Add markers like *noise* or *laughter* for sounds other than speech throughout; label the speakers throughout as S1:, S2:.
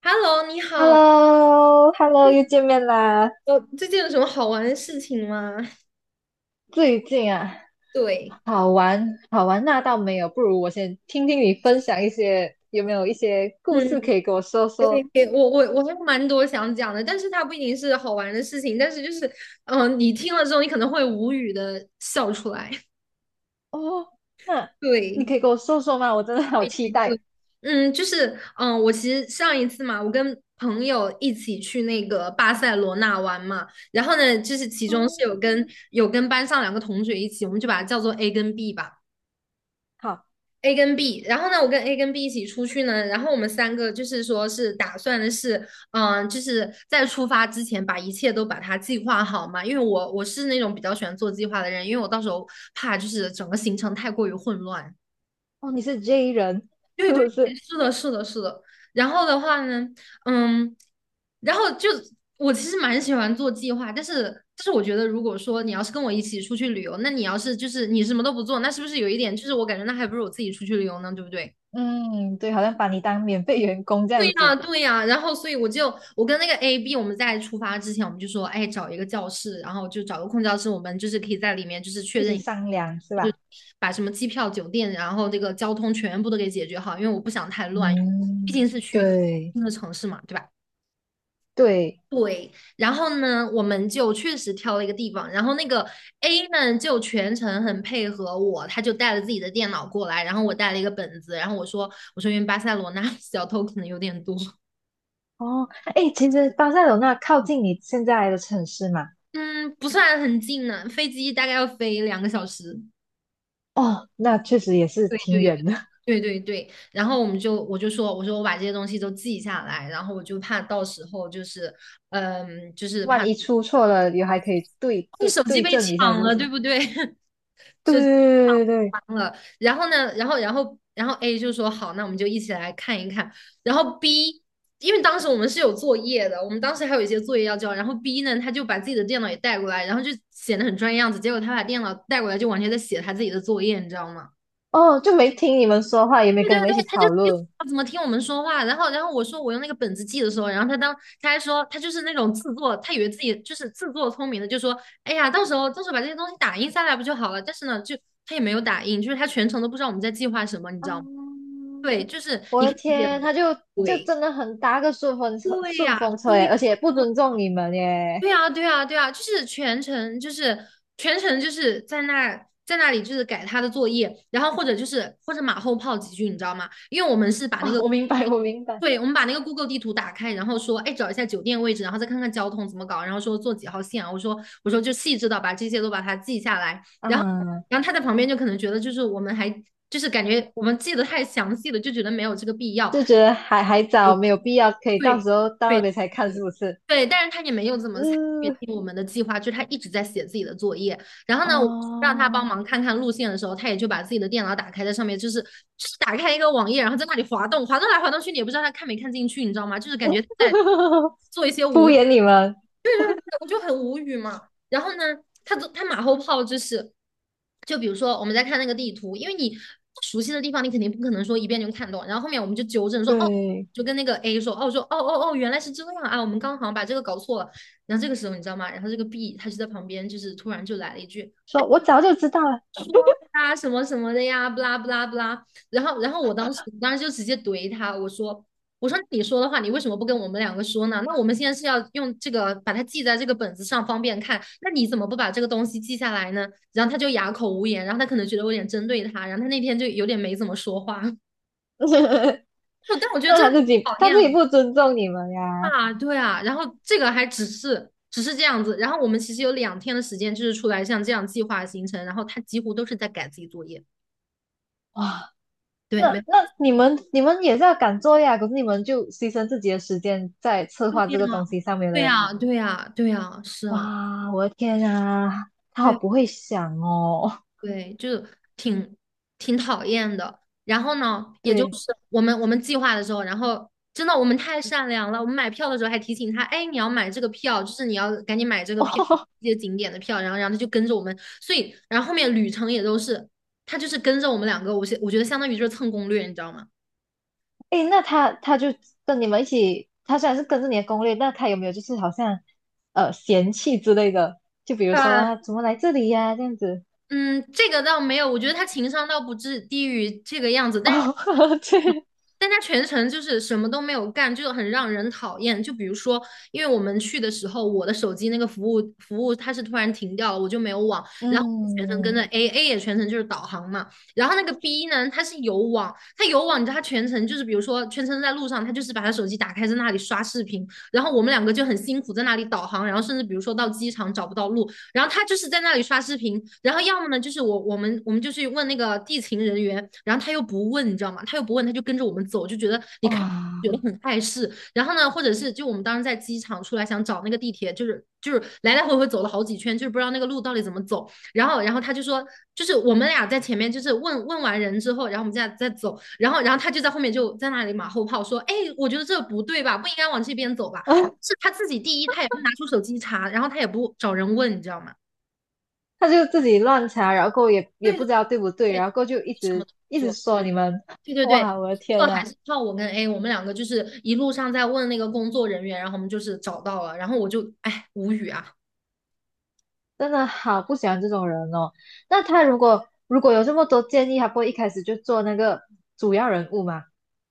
S1: Hello，你
S2: h e l l
S1: 好，
S2: o Hello 又见面啦！
S1: 最近有什么好玩的事情吗？
S2: 最近啊，
S1: *laughs* 对。
S2: 好玩好玩那倒没有，不如我先听听你分享一些，有没有一些故
S1: 嗯，
S2: 事可以给我说
S1: 可以
S2: 说？
S1: 可以，我还有蛮多想讲的，但是它不一定是好玩的事情，但是就是，你听了之后，你可能会无语的笑出来。*laughs*
S2: 哦，那你
S1: 对。
S2: 可以跟我说说吗？我真的好期
S1: 对，
S2: 待。
S1: 就是，我其实上一次嘛，我跟朋友一起去那个巴塞罗那玩嘛，然后呢，就是其
S2: 哦，
S1: 中是有跟班上两个同学一起，我们就把它叫做 A 跟 B 吧。
S2: 好，
S1: A 跟 B，然后呢，我跟 A 跟 B 一起出去呢，然后我们三个就是说是打算的是，就是在出发之前把一切都把它计划好嘛，因为我是那种比较喜欢做计划的人，因为我到时候怕就是整个行程太过于混乱。
S2: 哦，你是 J 人 *laughs*
S1: 对
S2: 是
S1: 对，
S2: 不是？
S1: 是的，是的，是的。然后的话呢，嗯，然后就我其实蛮喜欢做计划，但是我觉得如果说你要是跟我一起出去旅游，那你要是就是你什么都不做，那是不是有一点就是我感觉那还不如我自己出去旅游呢，对不对？
S2: 嗯，对，好像把你当免费员工这
S1: 对
S2: 样子，
S1: 呀，对呀，然后所以我跟那个 A B，我们在出发之前，我们就说，哎，找一个教室，然后就找个空教室，我们就是可以在里面就是确
S2: 一
S1: 认
S2: 起
S1: 一下
S2: 商量是
S1: 就是
S2: 吧？
S1: 把什么机票、酒店，然后这个交通全部都给解决好，因为我不想太乱，
S2: 嗯，
S1: 毕竟是去一个
S2: 对
S1: 新的城市嘛，对吧？
S2: 对。
S1: 然后呢，我们就确实挑了一个地方，然后那个 A 呢就全程很配合我，他就带了自己的电脑过来，然后我带了一个本子，然后我说因为巴塞罗那 *laughs* 小偷可能有点多。
S2: 哦，哎，其实巴塞罗那靠近你现在的城市嘛。
S1: 嗯，不算很近呢，飞机大概要飞两个小时。
S2: 哦，那确实也是
S1: 对
S2: 挺
S1: 对
S2: 远的，
S1: 对对对，然后我说我把这些东西都记下来，然后我就怕到时候就是就
S2: *laughs*
S1: 是
S2: 万
S1: 怕
S2: 一出错了，也还可以对
S1: 你
S2: 对
S1: 手机
S2: 对
S1: 被
S2: 症一下，是
S1: 抢
S2: 不
S1: 了，对
S2: 是？
S1: 不对？*laughs*
S2: 对
S1: 手机
S2: 对对对，
S1: 抢了，然后呢，然后 A 就说好，那我们就一起来看一看。然后 B，因为当时我们是有作业的，我们当时还有一些作业要交。然后 B 呢，他就把自己的电脑也带过来，然后就显得很专业样子。结果他把电脑带过来，就完全在写他自己的作业，你知道吗？
S2: 哦，就没听你们说话，也没
S1: 对
S2: 跟
S1: 对
S2: 你们一
S1: 对，
S2: 起
S1: 他就
S2: 讨论。
S1: 他怎么听我们说话，然后我说我用那个本子记的时候，然后他还说他就是那种自作，他以为自己就是自作聪明的，就说哎呀，到时候把这些东西打印下来不就好了？但是呢，就他也没有打印，就是他全程都不知道我们在计划什么，你知
S2: 啊，
S1: 道吗？对，就是
S2: 我
S1: 你可
S2: 的
S1: 以理解
S2: 天，
S1: 为
S2: 他就
S1: 鬼。
S2: 真的很搭个顺风车，
S1: 对
S2: 顺
S1: 呀、
S2: 风车耶，而且不尊重你们耶。
S1: 对啊，对啊，对啊，就是全程，就是全程，就是在那里，就是改他的作业，然后或者就是或者马后炮几句，你知道吗？因为我们是把那
S2: 啊，
S1: 个，
S2: 我明白，我明白。
S1: 对，我们把那个 Google 地图打开，然后说，哎，找一下酒店位置，然后再看看交通怎么搞，然后说坐几号线啊？我说就细致的把这些都把它记下来，然后
S2: 啊，
S1: 然后他在旁边就可能觉得就是我们还就是感觉我们记得太详细了，就觉得没有这个必要。
S2: 就觉得还早，没有必要，可以到
S1: 对
S2: 时候到那
S1: 对
S2: 边才看，是
S1: 对，
S2: 不是？
S1: 对，但是他也没有怎么参与
S2: 嗯，
S1: 进我们的计划，就是他一直在写自己的作业。然后呢，我让他帮
S2: 哦，
S1: 忙看看路线的时候，他也就把自己的电脑打开，在上面就是就是打开一个网页，然后在那里滑动，滑动来滑动去，你也不知道他看没看进去，你知道吗？就是感觉在
S2: *laughs*
S1: 做一些无
S2: 敷
S1: 用。
S2: 衍你们，
S1: 我就很无语嘛。然后呢，他他马后炮就是，就比如说我们在看那个地图，因为你不熟悉的地方，你肯定不可能说一遍就看懂。然后后面我们就纠正说，哦，
S2: 对。
S1: 就跟那个 A 说，哦，说哦哦哦，原来是这样啊，我们刚好像把这个搞错了。然后这个时候你知道吗？然后这个 B 他就在旁边，就是突然就来了一句，
S2: 说我早就知道了，
S1: 啊什么什么的呀，不啦不啦不啦。然后，然后我当时就直接怼他，我说你说的话，你为什么不跟我们两个说呢？那我们现在是要用这个把它记在这个本子上，方便看。那你怎么不把这个东西记下来呢？然后他就哑口无言，然后他可能觉得我有点针对他，然后他那天就有点没怎么说话。*laughs* 但我
S2: *laughs*
S1: 觉得
S2: 那
S1: 真
S2: 他
S1: 的
S2: 自
S1: 很
S2: 己
S1: 讨
S2: 他
S1: 厌
S2: 自己
S1: 哦。
S2: 不尊重你们呀，
S1: 啊，对啊。然后这个还只是这样子，然后我们其实有两天的时间，就是出来像这样计划行程，然后他几乎都是在改自己作业。
S2: 哇，
S1: 对，
S2: 那
S1: 没。
S2: 那你们也是要赶作业啊，可是你们就牺牲自己的时间在策划这个东西上面
S1: 对
S2: 嘞，
S1: 呀，对呀，对呀，是啊，
S2: 哇，我的天啊，他好
S1: 对
S2: 不会想哦，
S1: 对，就是挺挺讨厌的。然后呢，也就
S2: 对，
S1: 是我们计划的时候，然后真的我们太善良了，我们买票的时候还提醒他，哎，你要买这个票，就是你要赶紧买这个票，
S2: 哦，
S1: 这些景点的票。然后，然后他就跟着我们，所以然后后面旅程也都是他就是跟着我们两个，我是我觉得相当于就是蹭攻略，你知道吗？
S2: 诶，那他就跟你们一起，他虽然是跟着你的攻略，那他有没有就是好像嫌弃之类的？就比如说啊，
S1: 对，
S2: 怎么来这里呀、这样子，
S1: 嗯，这个倒没有，我觉得他情商倒不至低于这个样子，但是
S2: 哦，*laughs* 对，
S1: 但他全程就是什么都没有干，就很让人讨厌。就比如说，因为我们去的时候，我的手机那个服务它是突然停掉了，我就没有网，然后全程跟着
S2: 嗯，
S1: A，A 也全程就是导航嘛。然后那个 B 呢，它有网，你知道它全程就是，比如说全程在路上，他就是把他手机打开在那里刷视频，然后我们两个就很辛苦在那里导航，然后甚至比如说到机场找不到路，然后他就是在那里刷视频，然后要么呢就是我们就去问那个地勤人员，然后他又不问，你知道吗？他又不问，他就跟着我们走，就觉得你看觉得
S2: 哇。
S1: 很碍事。然后呢，或者是就我们当时在机场出来想找那个地铁，就是就是来来回回走了好几圈，就是不知道那个路到底怎么走。然后他就说，就是我们俩在前面就是问问完人之后，然后我们再走，然后他就在后面就在那里马后炮说，哎，我觉得这不对吧，不应该往这边走吧。
S2: *laughs* 啊，
S1: 是他自己第一，他也不拿出手机查，然后他也不找人问，你知道吗？
S2: 他就自己乱查，然后也
S1: 对
S2: 不
S1: 对
S2: 知道对不对，
S1: 对，
S2: 然后就一
S1: 什么
S2: 直
S1: 都不
S2: 一直
S1: 做，
S2: 说
S1: 对
S2: 你们，
S1: 对
S2: *laughs*
S1: 对对，
S2: 哇，我的
S1: 这
S2: 天
S1: 还
S2: 啊，
S1: 是靠我跟 A，我们两个就是一路上在问那个工作人员，然后我们就是找到了，然后我就哎无语啊，
S2: 真的好不喜欢这种人哦。那他如果有这么多建议，他不会一开始就做那个主要人物吗？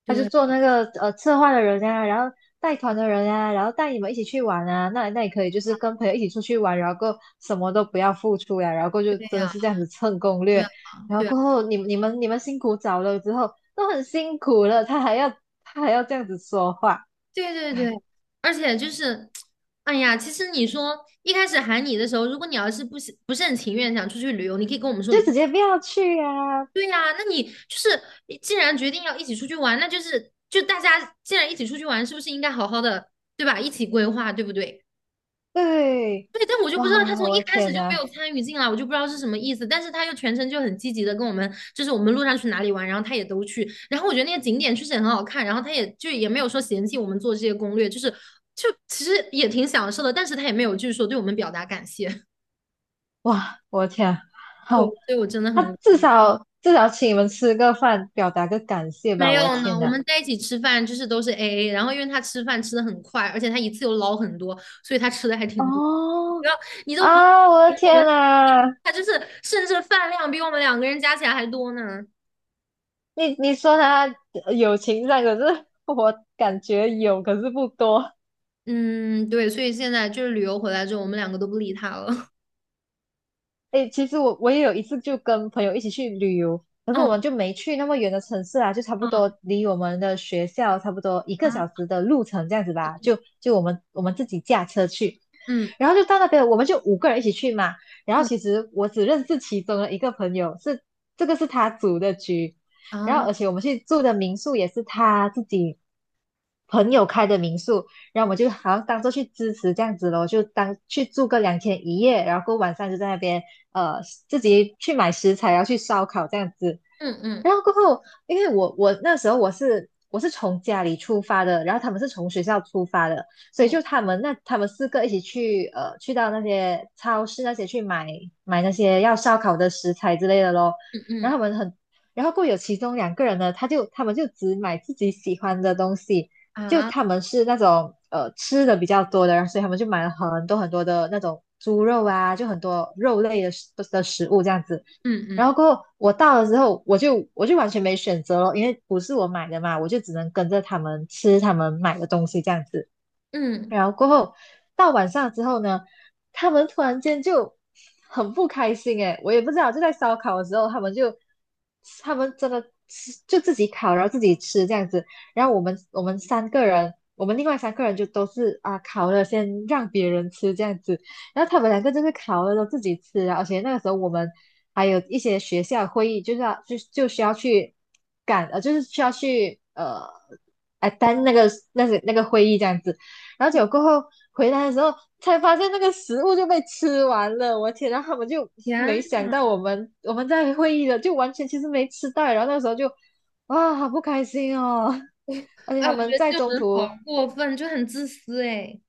S2: 他就做
S1: 对
S2: 那个策划的人啊，然后带团的人啊，然后带你们一起去玩啊，那也可以，就是跟朋友一起出去玩，然后过什么都不要付出呀，然后过就
S1: 对
S2: 真的
S1: 呀、
S2: 是这样子蹭攻
S1: 对呀、
S2: 略，然
S1: 对
S2: 后
S1: 啊
S2: 过后你们辛苦找了之后都很辛苦了，他还要这样子说话，
S1: 对对对，
S2: 哎，
S1: 而且就是，哎呀，其实你说一开始喊你的时候，如果你要是不是很情愿想出去旅游，你可以跟我们说你
S2: 就
S1: 不
S2: 直接不要去啊，
S1: 对呀、那你就是你既然决定要一起出去玩，那就是大家既然一起出去玩，是不是应该好好的对吧？一起规划，对不对？
S2: 对，
S1: 对，但我就不知道他
S2: 哇，
S1: 从
S2: 我
S1: 一
S2: 的
S1: 开始
S2: 天
S1: 就没
S2: 呐，
S1: 有参与进来，我就不知道是什么意思。但是他又全程就很积极的跟我们，就是我们路上去哪里玩，然后他也都去。然后我觉得那个景点确实也很好看，然后他也就也没有说嫌弃我们做这些攻略，就是就其实也挺享受的。但是他也没有就是说对我们表达感谢，*laughs*
S2: 哇，我的天啊
S1: 我
S2: 好，
S1: 所以我真的
S2: 他
S1: 很无
S2: 至
S1: 语。
S2: 少至少请你们吃个饭，表达个感谢
S1: 没
S2: 吧，我的
S1: 有呢，
S2: 天
S1: 我
S2: 呐。
S1: 们在一起吃饭就是都是 AA，然后因为他吃饭吃的很快，而且他一次又捞很多，所以他吃的还挺多。*laughs*
S2: 哦
S1: 然后你都不。
S2: 啊！我的
S1: 我
S2: 天
S1: 们
S2: 呐，
S1: 他就是甚至饭量比我们两个人加起来还多呢。
S2: 你说他友情上，可是 *laughs* 我感觉有，可是不多。
S1: 嗯，对，所以现在就是旅游回来之后，我们两个都不理他了。*laughs*
S2: 诶，其实我也有一次就跟朋友一起去旅游，可是我
S1: 嗯
S2: 们就没去那么远的城市啊，就差不多离我们的学校差不多一个小
S1: 啊，
S2: 时的路程这样子吧。就我们自己驾车去，
S1: 嗯
S2: 然后就到那边，我们就5个人一起去嘛。然后
S1: 嗯
S2: 其实我只认识其中的一个朋友，是这个是他组的局，然后
S1: 啊，
S2: 而且我们去住的民宿也是他自己朋友开的民宿，然后我就好像当做去支持这样子咯，就当去住个2天1夜，然后过晚上就在那边呃自己去买食材，然后去烧烤这样子。
S1: 嗯嗯
S2: 然后过后，因为我那时候我是从家里出发的，然后他们是从学校出发的，所以
S1: 嗯
S2: 就他们4个一起去去到那些超市那些去买那些要烧烤的食材之类的咯。
S1: 嗯
S2: 然
S1: 嗯
S2: 后他们很，然后过后有其中2个人呢，他们就只买自己喜欢的东西。就
S1: 啊，
S2: 他们是那种吃的比较多的人，所以他们就买了很多很多的那种猪肉啊，就很多肉类的食物这样子。
S1: 嗯
S2: 然后
S1: 嗯
S2: 过后我到了之后，我就完全没选择了，因为不是我买的嘛，我就只能跟着他们吃他们买的东西这样子。
S1: 嗯，
S2: 然后过后到晚上之后呢，他们突然间就很不开心诶，我也不知道，就在烧烤的时候，他们真的吃就自己烤，然后自己吃这样子。然后我们三个人，我们另外三个人就都是啊烤了先让别人吃这样子。然后他们两个就是烤了都自己吃啊，而且那个时候我们还有一些学校会议，就是要就需要去赶，就是需要去。哎，但那个会议这样子，然后结果过后回来的时候才发现那个食物就被吃完了，我天！然后他们就没
S1: 天，
S2: 想到我们在会议的就完全其实没吃到，然后那时候就哇好不开心哦，*laughs* 而且
S1: 哎，
S2: 他
S1: 我觉
S2: 们
S1: 得
S2: 在
S1: 这种
S2: 中
S1: 人
S2: 途
S1: 好过分，就很自私哎。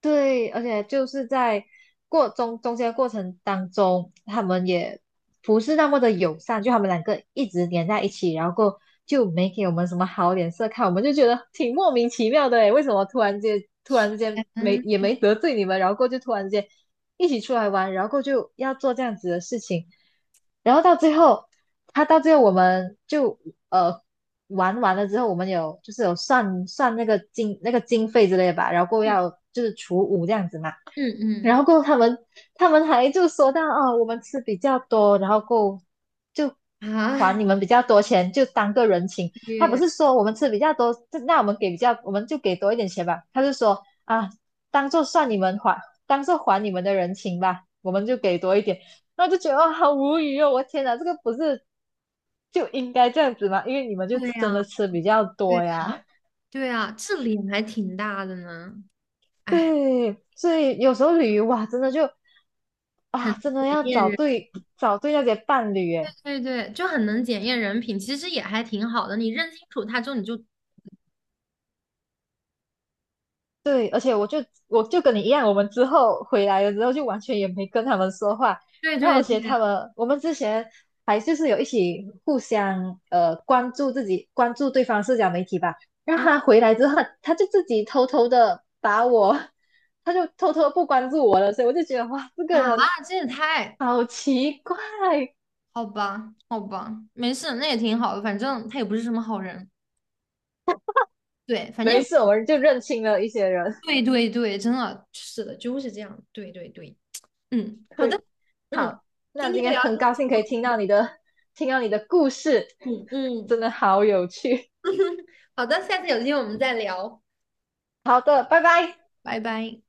S2: 对，而且就是在过中间的过程当中，他们也不是那么的友善，就他们两个一直黏在一起，然后过就没给我们什么好脸色看，我们就觉得挺莫名其妙的诶，为什么突然之间没
S1: 嗯
S2: 也没得罪你们，然后过就突然间一起出来玩，然后过就要做这样子的事情，然后到最后，我们就呃玩完了之后，我们有就是有算算那个经费之类的吧，然后过后要就是除5这样子嘛。然
S1: 嗯
S2: 后过后他们还就说到哦，我们吃比较多，然后过后就
S1: 嗯啊，
S2: 还你们比较多钱，就当个人情。他不
S1: 对
S2: 是说我们吃比较多，这那我们给比较，我们就给多一点钱吧。他就说啊，当做算你们还，当做还你们的人情吧，我们就给多一点。然后就觉得哦，好无语哦！我天哪，这个不是就应该这样子嘛，因为你们就
S1: 对
S2: 真
S1: 呀，
S2: 的吃比较
S1: 对
S2: 多呀。
S1: 对啊，这脸还挺大的呢。哎，
S2: 对，所以有时候旅游哇，真的就
S1: 很
S2: 啊，真的
S1: 检
S2: 要
S1: 验
S2: 找
S1: 人，
S2: 对找对那些伴侣诶。
S1: 对对，就很能检验人品，其实也还挺好的。你认清楚他之后，你就
S2: 对，而且我就跟你一样，我们之后回来了之后就完全也没跟他们说话，
S1: 对
S2: 然后而
S1: 对
S2: 且
S1: 对
S2: 他们我们之前还就是有一起互相关注自己关注对方社交媒体吧，然后
S1: 啊
S2: 他回来之后他就自己偷偷的把我，*laughs* 他就偷偷地不关注我了，所以我就觉得哇，这
S1: 啊！
S2: 个人
S1: 这也
S2: *laughs*
S1: 太
S2: 好奇怪，
S1: 好吧，好吧，没事，那也挺好的，反正他也不是什么好人。对，反
S2: 没
S1: 正
S2: 事，我们就认清了一些人。
S1: 对对对，真的是的，就是这样。对对对，嗯，
S2: *laughs*
S1: 好的，
S2: 对，
S1: 嗯，
S2: 好，
S1: 今
S2: 那今
S1: 天的
S2: 天
S1: 聊天
S2: 很高
S1: 就，
S2: 兴可以听
S1: 哎
S2: 到你的，听到你的故事，
S1: 嗯嗯，
S2: 真的好有趣。
S1: 好的，下次有机会我们再聊，
S2: 好的，拜拜。
S1: 拜拜。